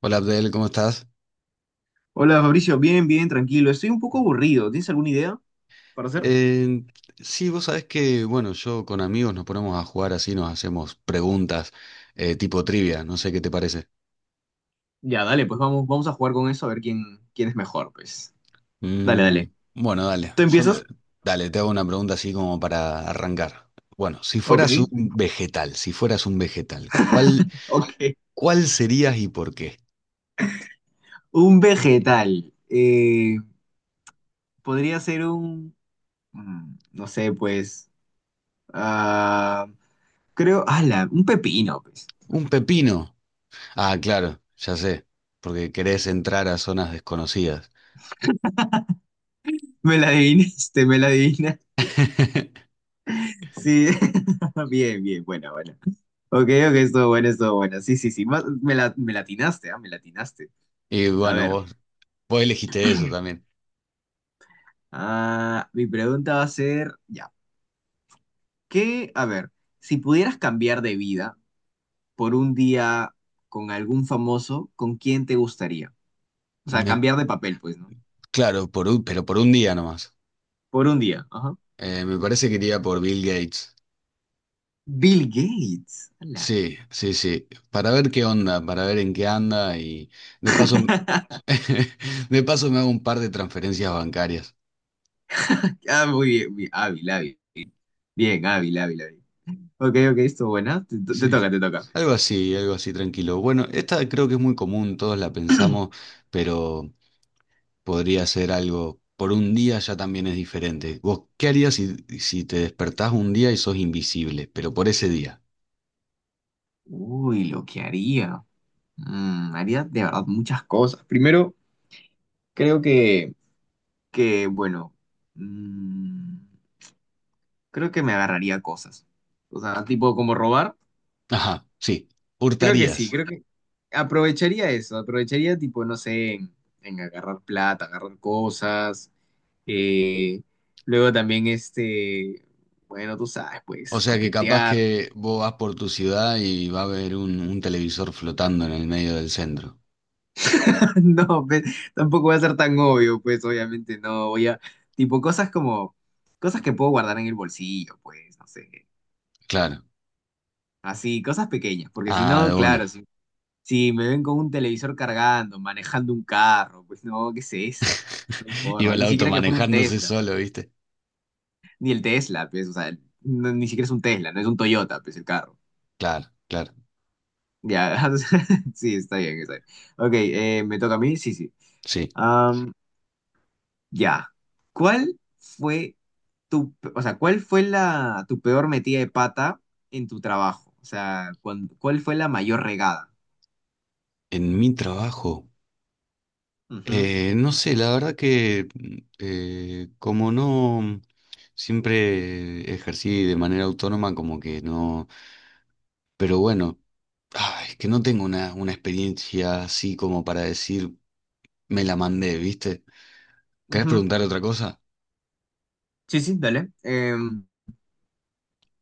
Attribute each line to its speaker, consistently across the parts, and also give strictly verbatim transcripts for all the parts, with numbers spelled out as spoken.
Speaker 1: Hola Abdel, ¿cómo estás?
Speaker 2: Hola Fabricio, bien, bien, tranquilo. Estoy un poco aburrido. ¿Tienes alguna idea para hacer?
Speaker 1: Eh, sí, vos sabés que, bueno, yo con amigos nos ponemos a jugar así, nos hacemos preguntas eh, tipo trivia, no sé qué te parece.
Speaker 2: Ya, dale, pues vamos, vamos a jugar con eso a ver quién, quién es mejor, pues. Dale,
Speaker 1: Mm,
Speaker 2: dale.
Speaker 1: bueno, dale,
Speaker 2: ¿Tú
Speaker 1: yo te-
Speaker 2: empiezas?
Speaker 1: dale, te hago una pregunta así como para arrancar. Bueno, si fueras un
Speaker 2: Ok.
Speaker 1: vegetal, si fueras un vegetal, ¿cuál,
Speaker 2: Ok.
Speaker 1: cuál serías y por qué?
Speaker 2: Un vegetal. Eh, podría ser un, mm, no sé, pues, ah, creo, ala, un pepino, pues.
Speaker 1: ¿Un pepino? Ah, claro, ya sé, porque querés entrar a zonas desconocidas.
Speaker 2: Me la adivinaste, me la adivinaste. Sí. Bien, bien, bueno, bueno. Ok, ok, estuvo bueno, estuvo bueno. Sí, sí, sí. Más- Me la, me la atinaste, ah, me la atinaste.
Speaker 1: Y
Speaker 2: A
Speaker 1: bueno,
Speaker 2: ver.
Speaker 1: vos, vos elegiste eso también.
Speaker 2: Ah, mi pregunta va a ser, ya, ¿qué? A ver, si pudieras cambiar de vida por un día con algún famoso, ¿con quién te gustaría? O sea,
Speaker 1: Me
Speaker 2: cambiar de papel, pues, ¿no?
Speaker 1: Claro, por un- pero por un día nomás.
Speaker 2: Por un día, ajá.
Speaker 1: Eh, me parece que iría por Bill Gates.
Speaker 2: Bill Gates. Ala.
Speaker 1: Sí, sí, sí. Para ver qué onda, para ver en qué anda y de paso, de paso me hago un par de transferencias bancarias.
Speaker 2: Ah, muy bien, bien, hábil, hábil. Bien, hábil, hábil, hábil. Ok, ok, esto buena. Te, te- te
Speaker 1: Sí,
Speaker 2: toca, te toca.
Speaker 1: algo así, algo así tranquilo. Bueno, esta creo que es muy común, todos la pensamos, pero podría ser algo. Por un día ya también es diferente. ¿Vos qué harías si, si te despertás un día y sos invisible, pero por ese día?
Speaker 2: Uy, lo que haría. Mm, haría de verdad muchas cosas. Primero, creo que, que bueno. Creo que me agarraría cosas. O sea, tipo como robar.
Speaker 1: Ajá, sí,
Speaker 2: Creo que sí,
Speaker 1: hurtarías.
Speaker 2: creo que aprovecharía eso. Aprovecharía tipo, no sé, en, en agarrar plata, agarrar cosas. eh, Luego también este, bueno, tú sabes,
Speaker 1: O
Speaker 2: pues,
Speaker 1: sea que capaz
Speaker 2: coquetear.
Speaker 1: que vos vas por tu ciudad y va a haber un, un televisor flotando en el medio del centro.
Speaker 2: No, pe- tampoco va a ser tan obvio, pues, obviamente no. Voy a, tipo, cosas como, cosas que puedo guardar en el bolsillo, pues, no sé.
Speaker 1: Claro.
Speaker 2: Así, cosas pequeñas, porque si
Speaker 1: Ah, de
Speaker 2: no,
Speaker 1: una.
Speaker 2: claro, si Si me ven con un televisor cargando, manejando un carro, pues no, ¿qué es eso? No hay
Speaker 1: Iba
Speaker 2: forma,
Speaker 1: el
Speaker 2: ni
Speaker 1: auto
Speaker 2: siquiera que fuera un
Speaker 1: manejándose
Speaker 2: Tesla,
Speaker 1: solo, ¿viste?
Speaker 2: ni el Tesla, pues, o sea, no- ni siquiera es un Tesla, no es un Toyota, pues el carro.
Speaker 1: Claro, claro.
Speaker 2: Ya, o sea, sí, está bien, está bien. Ok, eh, ¿me toca a mí? Sí, sí.
Speaker 1: Sí.
Speaker 2: Am, ya. ¿Cuál fue tu, o sea, cuál fue la, tu peor metida de pata en tu trabajo? O sea, cuan- ¿cuál fue la mayor regada?
Speaker 1: En mi trabajo,
Speaker 2: Ujú,
Speaker 1: eh, no sé, la verdad que eh, como no siempre ejercí de manera autónoma, como que no. Pero bueno, ah, es que no tengo una, una experiencia así como para decir me la mandé, ¿viste? ¿Querés
Speaker 2: ujú.
Speaker 1: preguntar otra cosa?
Speaker 2: Sí, sí, dale. Em,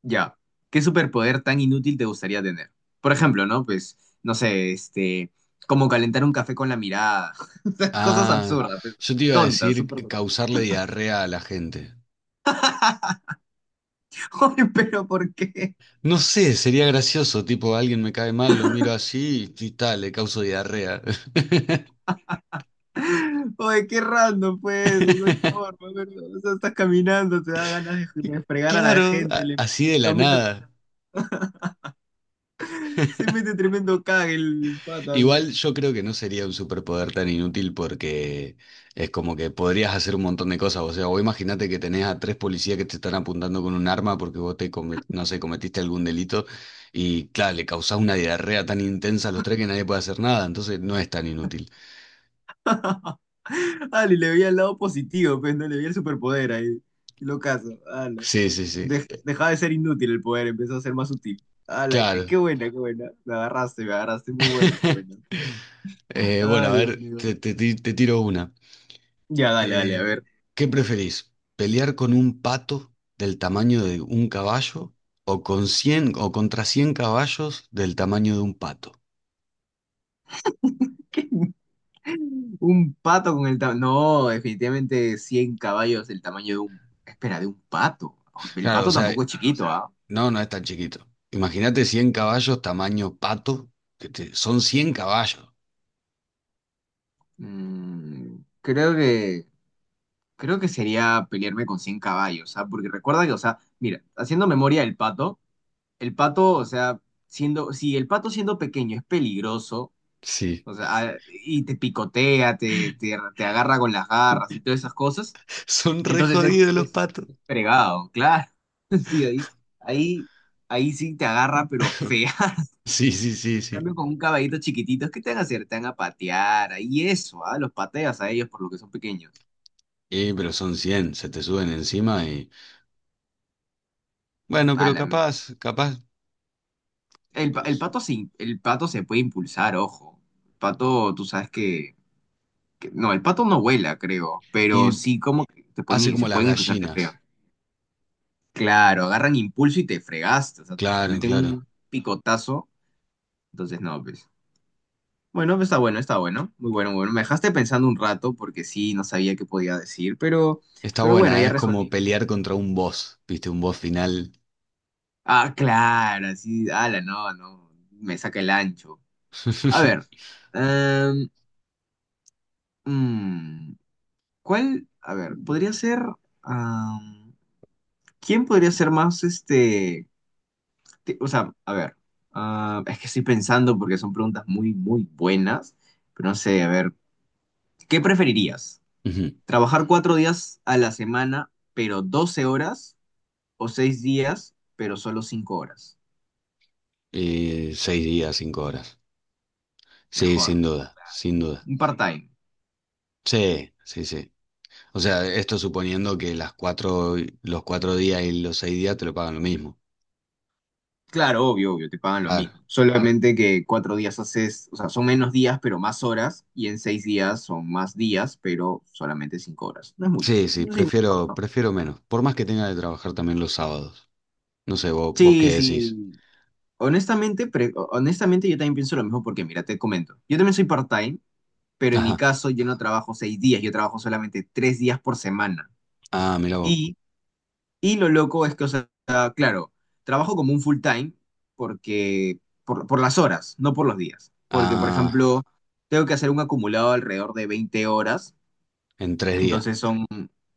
Speaker 2: Ya, ¿qué superpoder tan inútil te gustaría tener? Por ejemplo, ¿no? Pues, no sé, este, como calentar un café con la mirada. O sea, cosas
Speaker 1: Ah,
Speaker 2: absurdas, pues,
Speaker 1: yo te iba a
Speaker 2: tontas,
Speaker 1: decir
Speaker 2: súper tontas.
Speaker 1: causarle diarrea a la gente.
Speaker 2: Oye, pero ¿por qué?
Speaker 1: No sé, sería gracioso, tipo, alguien me cae mal, lo miro así y tal, le causo diarrea.
Speaker 2: Oye, qué random, pues, no hay forma, ¿verdad? O sea, estás caminando, te da ganas de, de, fregar a la
Speaker 1: Claro,
Speaker 2: gente,
Speaker 1: a-
Speaker 2: le,
Speaker 1: así de la
Speaker 2: lo miras,
Speaker 1: nada.
Speaker 2: se mete tremendo cague el pata, ¿no?
Speaker 1: Igual yo creo que no sería un superpoder tan inútil, porque es como que podrías hacer un montón de cosas. O sea, vos imaginate que tenés a tres policías que te están apuntando con un arma porque vos te, come- no sé, cometiste algún delito y, claro, le causás una diarrea tan intensa a los tres que nadie puede hacer nada. Entonces no es tan inútil.
Speaker 2: Ah, le veía el lado positivo, pues, no le veía el superpoder ahí, y lo caso, ala.
Speaker 1: Sí, sí, sí.
Speaker 2: Dej- dejaba de ser inútil el poder, empezó a ser más útil. ¡Hala! Qué,
Speaker 1: Claro.
Speaker 2: qué buena, qué buena. Me agarraste, me agarraste. Muy bueno, muy bueno.
Speaker 1: Eh, bueno,
Speaker 2: Ay,
Speaker 1: a
Speaker 2: Dios
Speaker 1: ver,
Speaker 2: mío.
Speaker 1: te, te, ti- te tiro una.
Speaker 2: Ya, dale, dale, a
Speaker 1: Eh,
Speaker 2: ver.
Speaker 1: ¿Qué preferís? ¿Pelear con un pato del tamaño de un caballo o con cien o contra cien caballos del tamaño de un pato?
Speaker 2: Un pato con el tamaño. No, definitivamente cien caballos del tamaño de un. Espera, de un pato. El
Speaker 1: Claro, o
Speaker 2: pato
Speaker 1: sea,
Speaker 2: tampoco es claro, chiquito, ¿ah?
Speaker 1: no, no es tan chiquito. Imagínate cien caballos tamaño pato, que te- son cien caballos.
Speaker 2: Mm, creo que. Creo que sería pelearme con cien caballos, ¿ah? Porque recuerda que, o sea, mira, haciendo memoria del pato, el pato, o sea, siendo. Si el pato siendo pequeño es peligroso.
Speaker 1: Sí.
Speaker 2: O sea, a- y te picotea, te, te, te agarra con las garras y todas esas cosas.
Speaker 1: Son re
Speaker 2: Entonces es,
Speaker 1: jodidos los
Speaker 2: es,
Speaker 1: patos.
Speaker 2: es fregado, claro. Sí, ahí, ahí, ahí sí te agarra, pero fea.
Speaker 1: Sí, sí, sí,
Speaker 2: En
Speaker 1: sí.
Speaker 2: cambio, con un caballito chiquitito, ¿qué te van a hacer? Te van a patear, ahí eso, ¿ah? Los pateas a ellos por lo que son pequeños.
Speaker 1: Y pero son cien, se te suben encima y... Bueno,
Speaker 2: Ah,
Speaker 1: pero
Speaker 2: la-
Speaker 1: capaz, capaz...
Speaker 2: el, pa- el
Speaker 1: Pues,
Speaker 2: pato se, in- el pato se puede impulsar, ojo. El pato, tú sabes que, que- no, el pato no vuela, creo, pero
Speaker 1: y
Speaker 2: sí como que te
Speaker 1: hace
Speaker 2: pueden,
Speaker 1: como
Speaker 2: se
Speaker 1: las
Speaker 2: pueden impulsarte feo.
Speaker 1: gallinas.
Speaker 2: Claro, agarran impulso y te fregaste. O sea, te
Speaker 1: Claro,
Speaker 2: meten
Speaker 1: claro.
Speaker 2: un picotazo. Entonces, no, pues. Bueno, pues, está bueno, está bueno. Muy bueno, muy bueno. Me dejaste pensando un rato porque sí, no sabía qué podía decir, pero,
Speaker 1: Está
Speaker 2: pero bueno,
Speaker 1: buena,
Speaker 2: ya
Speaker 1: es como
Speaker 2: resolví.
Speaker 1: pelear contra un boss, ¿viste? Un boss final.
Speaker 2: Ah, claro, sí. Ala, no, no. Me saca el ancho. A ver. em, mm, ¿Cuál? A ver, podría ser. am, ¿Quién podría ser más este te- o sea, a ver, ah, es que estoy pensando porque son preguntas muy, muy buenas, pero no sé, a ver, ¿qué preferirías?
Speaker 1: Ujú.
Speaker 2: ¿Trabajar cuatro días a la semana, pero doce horas? ¿O seis días, pero solo cinco horas?
Speaker 1: Y seis días, cinco horas. Sí, sin
Speaker 2: Mejor,
Speaker 1: duda, sin duda.
Speaker 2: un part-time.
Speaker 1: Sí, sí, sí. O sea, esto suponiendo que las cuatro, los cuatro días y los seis días te lo pagan lo mismo.
Speaker 2: Claro, obvio, obvio, te pagan lo
Speaker 1: Claro.
Speaker 2: mismo. Claro. Solamente que cuatro días haces, o sea, son menos días, pero más horas, y en seis días son más días, pero solamente cinco horas. No es mucho.
Speaker 1: Sí, sí,
Speaker 2: Sí,
Speaker 1: prefiero, prefiero menos. Por más que tenga de trabajar también los sábados. No sé, vos, vos qué
Speaker 2: sí,
Speaker 1: decís.
Speaker 2: sí. Honestamente, pre- honestamente, yo también pienso lo mismo porque, mira, te comento. Yo también soy part-time, pero en mi
Speaker 1: Ajá.
Speaker 2: caso yo no trabajo seis días, yo trabajo solamente tres días por semana.
Speaker 1: Ah, mira vos.
Speaker 2: Y, y lo loco es que, o sea, claro, trabajo como un full-time porque, por, por las horas, no por los días. Porque, por
Speaker 1: Ah,
Speaker 2: ejemplo, tengo que hacer un acumulado alrededor de veinte horas,
Speaker 1: en tres días.
Speaker 2: entonces son,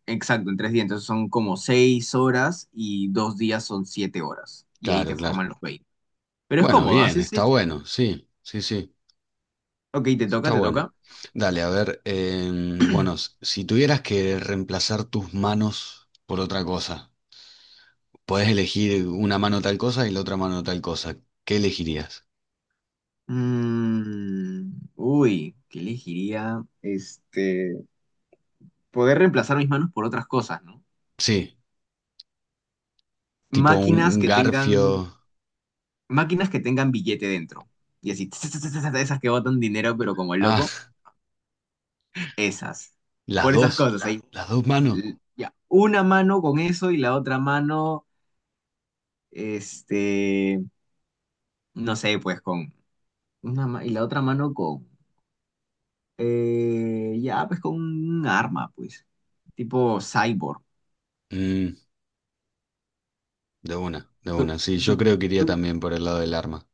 Speaker 2: exacto, en tres días, entonces son como seis horas y dos días son siete horas. Y ahí
Speaker 1: Claro,
Speaker 2: te
Speaker 1: claro.
Speaker 2: forman los veinte. Pero es
Speaker 1: Bueno,
Speaker 2: cómodo,
Speaker 1: bien,
Speaker 2: así es.
Speaker 1: está
Speaker 2: Es chévere.
Speaker 1: bueno, sí, sí, sí.
Speaker 2: Ok, te toca,
Speaker 1: Está
Speaker 2: te
Speaker 1: bueno.
Speaker 2: toca.
Speaker 1: Dale, a ver, em, bueno, s- si tuvieras que reemplazar tus manos por otra cosa, podés elegir una mano tal cosa y la otra mano tal cosa, ¿qué elegirías?
Speaker 2: Mm, uy, ¿qué elegiría? Este, poder reemplazar mis manos por otras cosas, ¿no?
Speaker 1: Sí, tipo un
Speaker 2: Máquinas
Speaker 1: un
Speaker 2: que tengan,
Speaker 1: garfio.
Speaker 2: máquinas que tengan billete dentro. Y así, tss, tss, tss, tss, esas que botan dinero, pero como
Speaker 1: Ah,
Speaker 2: loco, esas.
Speaker 1: las
Speaker 2: Por esas
Speaker 1: dos,
Speaker 2: cosas, ahí.
Speaker 1: las dos manos.
Speaker 2: L- Ya, una mano con eso y la otra mano, este, no sé, pues con una ma- y la otra mano con, eh, ya, pues con un arma, pues, tipo cyborg.
Speaker 1: Mm, de una, de
Speaker 2: ¿Tú,
Speaker 1: una, sí, yo
Speaker 2: tú-
Speaker 1: creo que iría
Speaker 2: tú-
Speaker 1: también por el lado del arma.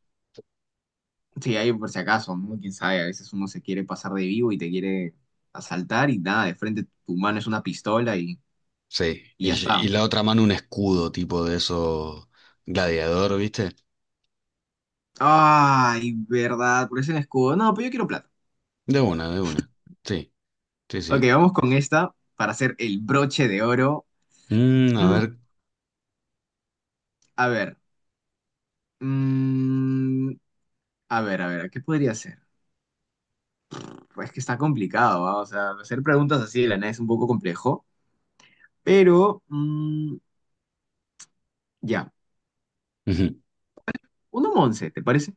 Speaker 2: Sí, ahí por si acaso, ¿no? Quién sabe, a veces uno se quiere pasar de vivo y te quiere asaltar y nada, de frente tu mano es una pistola y,
Speaker 1: Sí,
Speaker 2: y
Speaker 1: y,
Speaker 2: ya
Speaker 1: y- y
Speaker 2: está.
Speaker 1: la otra mano un escudo tipo de eso gladiador, ¿viste?
Speaker 2: Ay, verdad, por ese escudo. No, pues yo quiero plata.
Speaker 1: De una, de una. Sí, sí,
Speaker 2: Ok,
Speaker 1: sí.
Speaker 2: vamos con esta para hacer el broche de oro.
Speaker 1: Mm, a
Speaker 2: Mm,
Speaker 1: ver.
Speaker 2: A ver, mm, a ver, a ver, ¿qué podría ser? Pues que está complicado, ¿va? O sea, hacer preguntas así de la nada es un poco complejo, pero mm, ya, uno once, ¿te parece?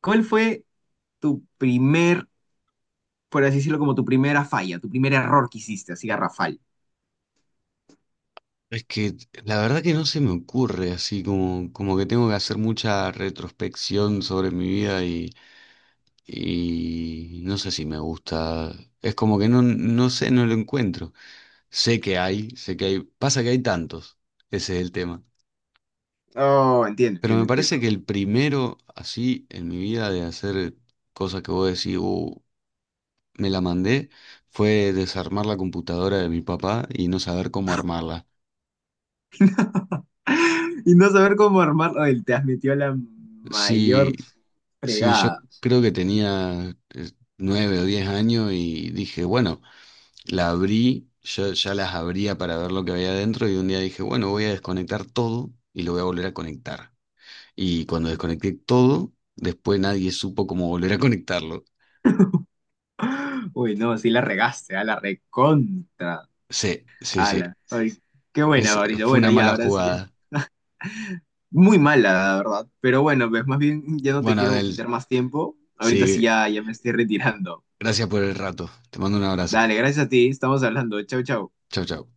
Speaker 2: ¿Cuál fue tu primer, por así decirlo, como tu primera falla, tu primer error que hiciste, así garrafal?
Speaker 1: Es que la verdad que no se me ocurre, así como, como que tengo que hacer mucha retrospección sobre mi vida y, y no sé si me gusta. Es como que no, no sé, no lo encuentro. Sé que hay, sé que hay. Pasa que hay tantos, ese es el tema.
Speaker 2: Oh, entiendo,
Speaker 1: Pero me
Speaker 2: entiendo,
Speaker 1: parece
Speaker 2: entiendo.
Speaker 1: que el primero, así, en mi vida de hacer cosas que vos decís: "Uh, me la mandé", fue desarmar la computadora de mi papá y no saber cómo armarla.
Speaker 2: Y no saber cómo armarlo, él te has metido la
Speaker 1: Sí,
Speaker 2: mayor
Speaker 1: sí, yo
Speaker 2: fregada.
Speaker 1: creo que tenía eh, nueve o diez años y dije, bueno, la abrí, yo ya las abría para ver lo que había adentro, y un día dije, bueno, voy a desconectar todo y lo voy a volver a conectar. Y cuando desconecté todo, después nadie supo cómo volver a conectarlo.
Speaker 2: Uy, no, sí la regaste, a la recontra.
Speaker 1: Sí, sí, sí.
Speaker 2: Ala. Ay, qué buena,
Speaker 1: Es,
Speaker 2: Mauricio.
Speaker 1: fue
Speaker 2: Bueno,
Speaker 1: una
Speaker 2: ya,
Speaker 1: mala
Speaker 2: ahora sí, ya-
Speaker 1: jugada.
Speaker 2: muy mala, la verdad. Pero bueno, pues más bien ya no te
Speaker 1: Bueno,
Speaker 2: quiero
Speaker 1: Adel,
Speaker 2: quitar más tiempo. Ahorita
Speaker 1: sí,
Speaker 2: sí ya, ya, me estoy retirando.
Speaker 1: gracias por el rato. Te mando un abrazo.
Speaker 2: Dale, gracias a ti, estamos hablando. Chau, chau.
Speaker 1: Chau, chau.